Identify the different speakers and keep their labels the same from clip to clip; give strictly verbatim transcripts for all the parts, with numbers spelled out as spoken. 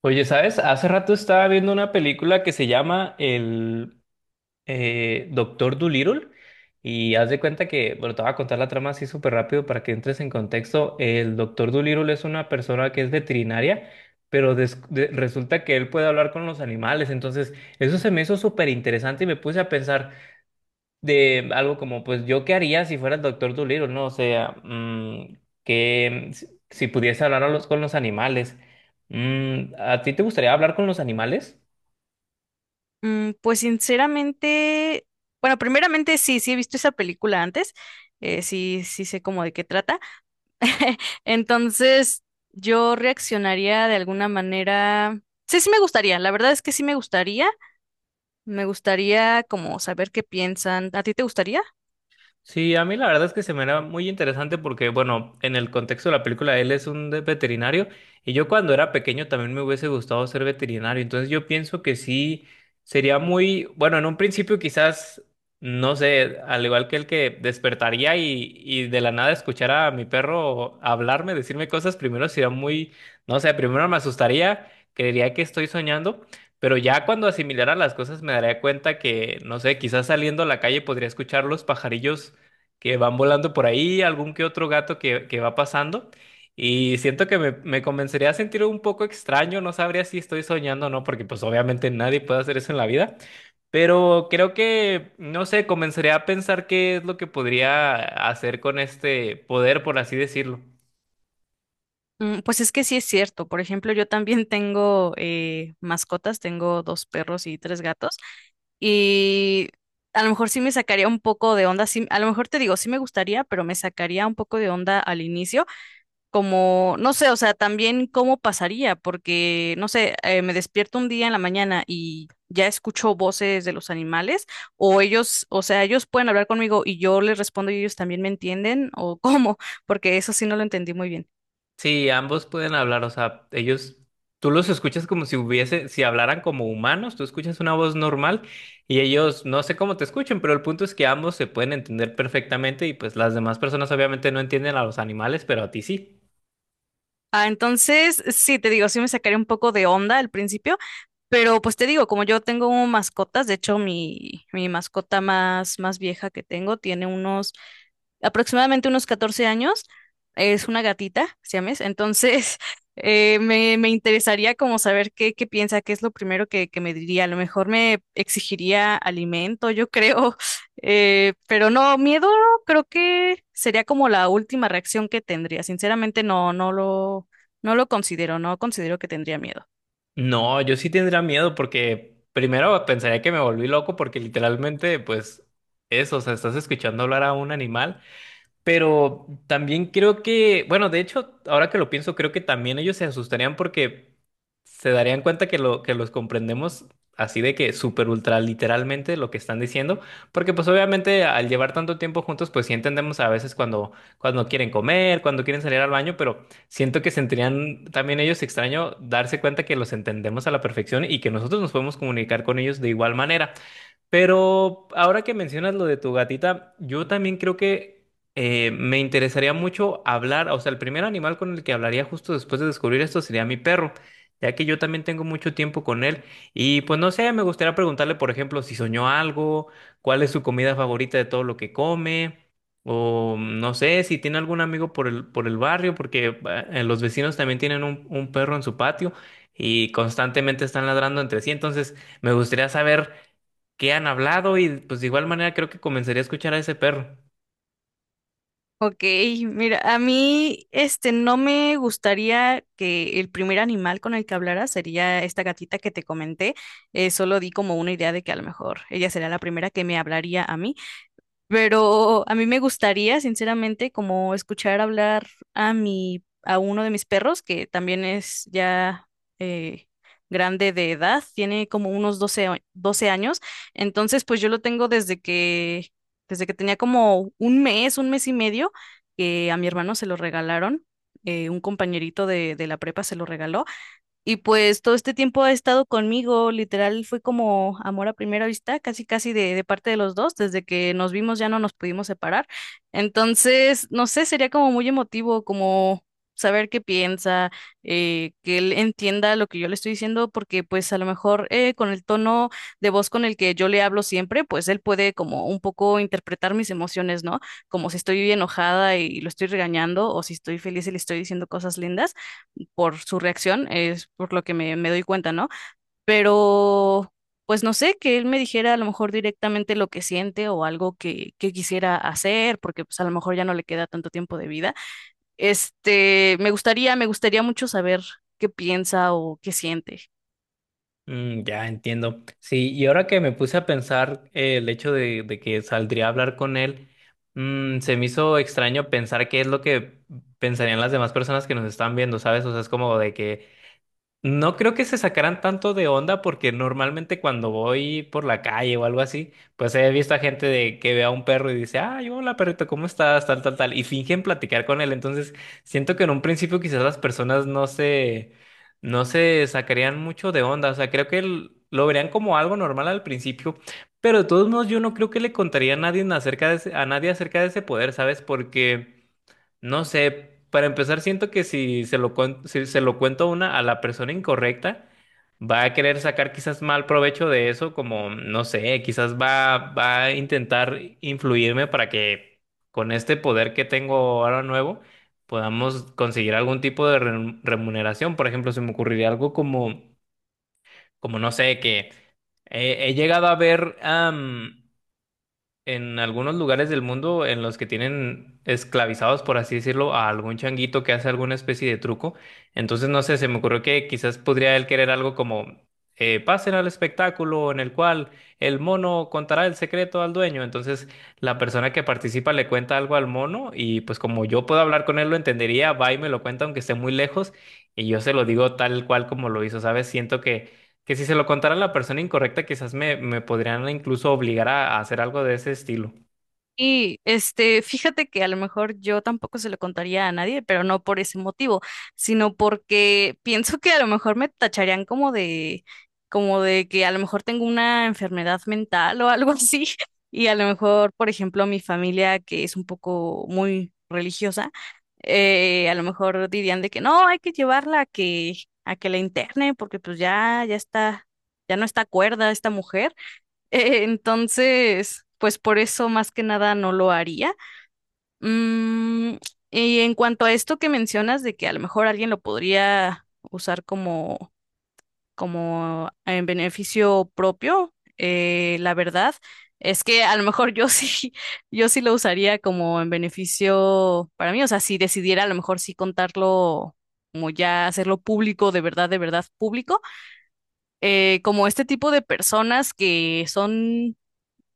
Speaker 1: Oye, ¿sabes? Hace rato estaba viendo una película que se llama el eh, Doctor Dolittle. Y haz de cuenta que, bueno, te voy a contar la trama así súper rápido para que entres en contexto. El Doctor Dolittle es una persona que es veterinaria, pero des- de- resulta que él puede hablar con los animales. Entonces, eso se me hizo súper interesante y me puse a pensar de algo como, pues yo qué haría si fuera el Doctor Dolittle, ¿no? O sea, mm, que mm, si si pudiese hablar a los- con los animales. Mm, ¿a ti te gustaría hablar con los animales?
Speaker 2: Mm, pues sinceramente, bueno, primeramente sí, sí he visto esa película antes, eh, sí, sí sé como de qué trata. Entonces, yo reaccionaría de alguna manera. Sí, sí me gustaría, la verdad es que sí me gustaría. Me gustaría como saber qué piensan. ¿A ti te gustaría?
Speaker 1: Sí, a mí la verdad es que se me era muy interesante porque, bueno, en el contexto de la película, él es un de- veterinario, y yo cuando era pequeño también me hubiese gustado ser veterinario. Entonces yo pienso que sí, sería muy, bueno, en un principio quizás, no sé, al igual que el que despertaría y, y de la nada escuchar a mi perro hablarme, decirme cosas, primero sería muy, no sé, primero me asustaría, creería que estoy soñando. Pero ya cuando asimilara las cosas me daría cuenta que, no sé, quizás saliendo a la calle podría escuchar los pajarillos que van volando por ahí, algún que otro gato que, que va pasando. Y siento que me, me comenzaría a sentir un poco extraño, no sabría si estoy soñando o no, porque pues obviamente nadie puede hacer eso en la vida. Pero creo que, no sé, comenzaría a pensar qué es lo que podría hacer con este poder, por así decirlo.
Speaker 2: Mm, pues es que sí es cierto. Por ejemplo, yo también tengo eh, mascotas, tengo dos perros y tres gatos. Y a lo mejor sí me sacaría un poco de onda, sí, a lo mejor te digo, sí me gustaría, pero me sacaría un poco de onda al inicio, como, no sé, o sea, también cómo pasaría, porque, no sé, eh, me despierto un día en la mañana y ya escucho voces de los animales, o ellos, o sea, ellos pueden hablar conmigo y yo les respondo y ellos también me entienden, o cómo, porque eso sí no lo entendí muy bien.
Speaker 1: Sí, ambos pueden hablar, o sea, ellos, tú los escuchas como si hubiese, si hablaran como humanos, tú escuchas una voz normal, y ellos, no sé cómo te escuchan, pero el punto es que ambos se pueden entender perfectamente y pues las demás personas obviamente no entienden a los animales, pero a ti sí.
Speaker 2: Ah, entonces, sí, te digo, sí me sacaría un poco de onda al principio. Pero pues te digo, como yo tengo mascotas, de hecho mi, mi mascota más, más vieja que tengo tiene unos aproximadamente unos catorce años, es una gatita, siames, entonces eh, me, me interesaría como saber qué, qué piensa, qué es lo primero que, que me diría, a lo mejor me exigiría alimento, yo creo, eh, pero no, miedo creo que sería como la última reacción que tendría, sinceramente no, no lo, no lo considero, no considero que tendría miedo.
Speaker 1: No, yo sí tendría miedo porque primero pensaría que me volví loco porque literalmente, pues, eso, o sea, estás escuchando hablar a un animal. Pero también creo que, bueno, de hecho, ahora que lo pienso, creo que también ellos se asustarían porque se darían cuenta que lo que los comprendemos así de que súper ultra literalmente lo que están diciendo, porque pues obviamente al llevar tanto tiempo juntos, pues sí entendemos a veces cuando cuando quieren comer, cuando quieren salir al baño, pero siento que sentirían también ellos extraño darse cuenta que los entendemos a la perfección y que nosotros nos podemos comunicar con ellos de igual manera. Pero ahora que mencionas lo de tu gatita, yo también creo que eh, me interesaría mucho hablar, o sea, el primer animal con el que hablaría justo después de descubrir esto sería mi perro, ya que yo también tengo mucho tiempo con él y pues no sé, me gustaría preguntarle, por ejemplo, si soñó algo, cuál es su comida favorita de todo lo que come, o no sé, si tiene algún amigo por el, por el barrio, porque ah, eh, los vecinos también tienen un, un perro en su patio y constantemente están ladrando entre sí. Entonces me gustaría saber qué han hablado y pues de igual manera creo que comenzaría a escuchar a ese perro.
Speaker 2: Ok, mira, a mí este no me gustaría que el primer animal con el que hablara sería esta gatita que te comenté. Eh, solo di como una idea de que a lo mejor ella sería la primera que me hablaría a mí, pero a mí me gustaría, sinceramente, como escuchar hablar a mi, a uno de mis perros, que también es ya eh, grande de edad, tiene como unos doce a- doce años. Entonces, pues yo lo tengo desde que, desde que tenía como un mes, un mes y medio, que a mi hermano se lo regalaron. eh, un compañerito de, de la prepa se lo regaló y pues todo este tiempo ha estado conmigo, literal fue como amor a primera vista, casi casi de, de parte de los dos, desde que nos vimos ya no nos pudimos separar. Entonces, no sé, sería como muy emotivo, como saber qué piensa, eh, que él entienda lo que yo le estoy diciendo, porque pues a lo mejor eh, con el tono de voz con el que yo le hablo siempre, pues él puede como un poco interpretar mis emociones, ¿no? Como si estoy enojada y lo estoy regañando, o si estoy feliz y le estoy diciendo cosas lindas por su reacción, es por lo que me, me doy cuenta, ¿no? Pero, pues no sé, que él me dijera a lo mejor directamente lo que siente o algo que, que quisiera hacer, porque pues a lo mejor ya no le queda tanto tiempo de vida. Este, me gustaría, me gustaría mucho saber qué piensa o qué siente.
Speaker 1: Mm, ya entiendo. Sí, y ahora que me puse a pensar eh, el hecho de, de que saldría a hablar con él, mm, se me hizo extraño pensar qué es lo que pensarían las demás personas que nos están viendo, ¿sabes? O sea, es como de que. No creo que se sacaran tanto de onda porque normalmente cuando voy por la calle o algo así, pues he visto a gente de que ve a un perro y dice, ay, hola perrito, ¿cómo estás? Tal, tal, tal, y fingen platicar con él. Entonces, siento que en un principio quizás las personas no se, no se sacarían mucho de onda. O sea, creo que l- lo verían como algo normal al principio, pero de todos modos yo no creo que le contaría a nadie acerca de ese- a nadie acerca de ese poder, ¿sabes? Porque... No sé, para empezar siento que si se lo cuento, si se lo cuento a una a la persona incorrecta, va a querer sacar quizás mal provecho de eso, como no sé, quizás va, va a intentar influirme para que con este poder que tengo ahora nuevo podamos conseguir algún tipo de re- remuneración. Por ejemplo, se me ocurriría algo como, como no sé, que eh, he llegado a ver en algunos lugares del mundo en los que tienen esclavizados, por así decirlo, a algún changuito que hace alguna especie de truco. Entonces, no sé, se me ocurrió que quizás podría él querer algo como eh, pasen al espectáculo en el cual el mono contará el secreto al dueño. Entonces, la persona que participa le cuenta algo al mono y pues como yo puedo hablar con él, lo entendería, va y me lo cuenta aunque esté muy lejos, y yo se lo digo tal cual como lo hizo, ¿sabes? Siento que que si se lo contara a la persona incorrecta, quizás me, me podrían incluso obligar a, a hacer algo de ese estilo.
Speaker 2: Y este, fíjate que a lo mejor yo tampoco se lo contaría a nadie, pero no por ese motivo, sino porque pienso que a lo mejor me tacharían como de, como de que a lo mejor tengo una enfermedad mental o algo así. Y a lo mejor, por ejemplo, mi familia, que es un poco muy religiosa, eh, a lo mejor dirían de que no, hay que llevarla a que, a que la interne, porque pues ya, ya está, ya no está cuerda esta mujer. Eh, Entonces, pues por eso más que nada no lo haría. Mm, y en cuanto a esto que mencionas de que a lo mejor alguien lo podría usar como, como en beneficio propio, eh, la verdad es que a lo mejor yo sí, yo sí lo usaría como en beneficio para mí. O sea, si decidiera a lo mejor sí contarlo, como ya hacerlo público, de verdad, de verdad público eh, como este tipo de personas que son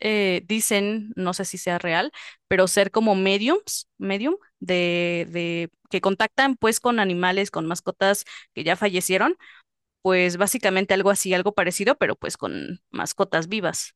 Speaker 2: eh, dicen, no sé si sea real, pero ser como mediums, medium, de, de que contactan pues con animales, con mascotas que ya fallecieron, pues básicamente algo así, algo parecido, pero pues con mascotas vivas.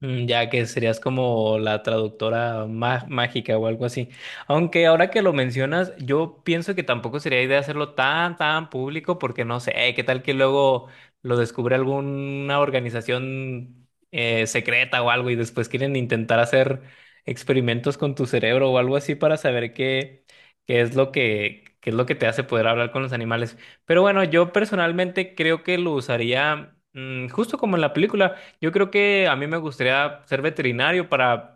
Speaker 1: Mm, ya que serías como la traductora má- mágica o algo así. Aunque ahora que lo mencionas, yo pienso que tampoco sería idea hacerlo tan, tan público porque no sé, qué tal que luego lo descubre alguna organización eh, secreta o algo y después quieren intentar hacer experimentos con tu cerebro o algo así para saber qué, qué es lo que, qué es lo que te hace poder hablar con los animales. Pero bueno, yo personalmente creo que lo usaría, mm, justo como en la película. Yo creo que a mí me gustaría ser veterinario para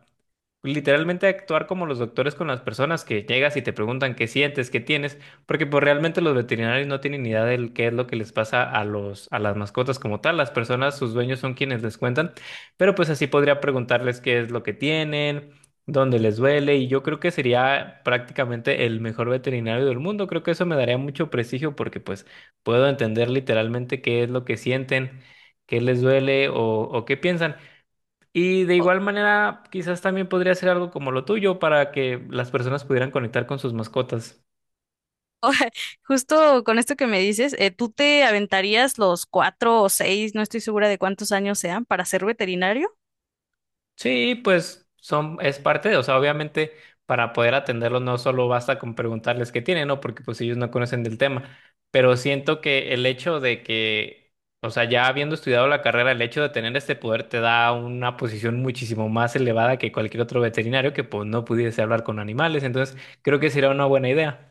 Speaker 1: literalmente actuar como los doctores con las personas que llegas y te preguntan qué sientes, qué tienes, porque pues realmente los veterinarios no tienen ni idea de qué es lo que les pasa a los, a las mascotas como tal. Las personas, sus dueños, son quienes les cuentan, pero pues así podría preguntarles qué es lo que tienen, dónde les duele, y yo creo que sería prácticamente el mejor veterinario del mundo. Creo que eso me daría mucho prestigio porque pues puedo entender literalmente qué es lo que sienten, qué les duele o, o qué piensan. Y de
Speaker 2: O-
Speaker 1: igual manera, quizás también podría ser algo como lo tuyo para que las personas pudieran conectar con sus mascotas.
Speaker 2: o- Justo con esto que me dices, eh, ¿tú te aventarías los cuatro o seis, no estoy segura de cuántos años sean, para ser veterinario?
Speaker 1: Sí, pues son, es parte de, o sea, obviamente para poder atenderlos no solo basta con preguntarles qué tienen, ¿no? Porque pues ellos no conocen del tema. Pero siento que el hecho de que, o sea, ya habiendo estudiado la carrera, el hecho de tener este poder te da una posición muchísimo más elevada que cualquier otro veterinario que pues no pudiese hablar con animales. Entonces, creo que sería una buena idea.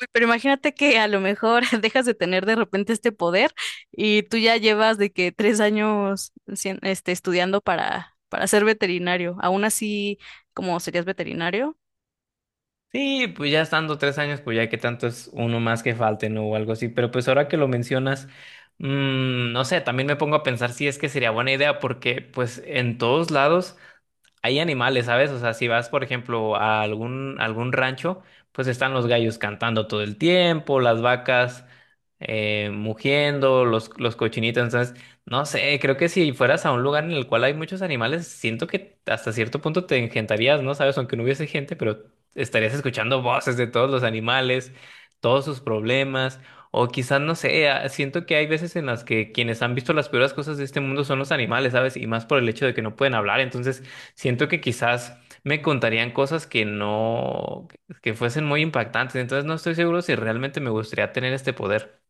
Speaker 2: Uy, pero imagínate que a lo mejor dejas de tener de repente este poder y tú ya llevas de que tres años sien- este, estudiando para, para ser veterinario. Aún así, ¿cómo serías veterinario?
Speaker 1: Sí, pues ya estando tres años, pues ya que tanto es uno más que falte, ¿no? O algo así. Pero pues ahora que lo mencionas, mm, no sé, también me pongo a pensar si es que sería buena idea, porque pues en todos lados hay animales, ¿sabes? O sea, si vas, por ejemplo, a algún, algún rancho, pues están los gallos cantando todo el tiempo, las vacas eh, mugiendo, los, los cochinitos. Entonces, no sé, creo que si fueras a un lugar en el cual hay muchos animales, siento que hasta cierto punto te engentarías, ¿no? ¿Sabes? Aunque no hubiese gente, pero estarías escuchando voces de todos los animales, todos sus problemas, o quizás, no sé, a- siento que hay veces en las que quienes han visto las peores cosas de este mundo son los animales, ¿sabes? Y más por el hecho de que no pueden hablar, entonces siento que quizás me contarían cosas que no, que fuesen muy impactantes. Entonces no estoy seguro si realmente me gustaría tener este poder.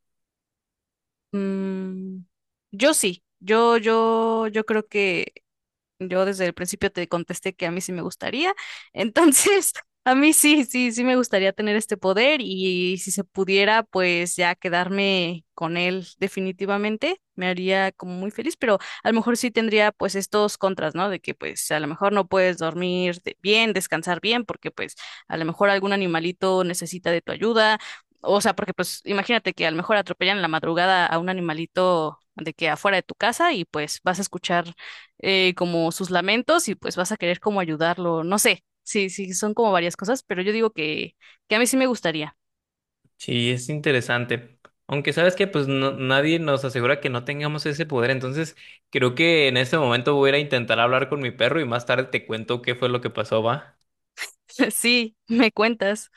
Speaker 2: Mm, yo sí, yo, yo, yo creo que yo desde el principio te contesté que a mí sí me gustaría. Entonces, a mí sí, sí, sí me gustaría tener este poder y si se pudiera, pues ya quedarme con él definitivamente, me haría como muy feliz, pero a lo mejor sí tendría pues estos contras, ¿no? De que pues a lo mejor no puedes dormir de- bien, descansar bien, porque pues a lo mejor algún animalito necesita de tu ayuda. O sea, porque pues imagínate que a lo mejor atropellan en la madrugada a un animalito de que afuera de tu casa y pues vas a escuchar eh, como sus lamentos y pues vas a querer como ayudarlo, no sé, sí, sí, son como varias cosas, pero yo digo que, que a mí sí me gustaría.
Speaker 1: Sí, es interesante. Aunque sabes que pues no- nadie nos asegura que no tengamos ese poder, entonces creo que en este momento voy a ir a intentar hablar con mi perro y más tarde te cuento qué fue lo que pasó, ¿va?
Speaker 2: Sí, me cuentas.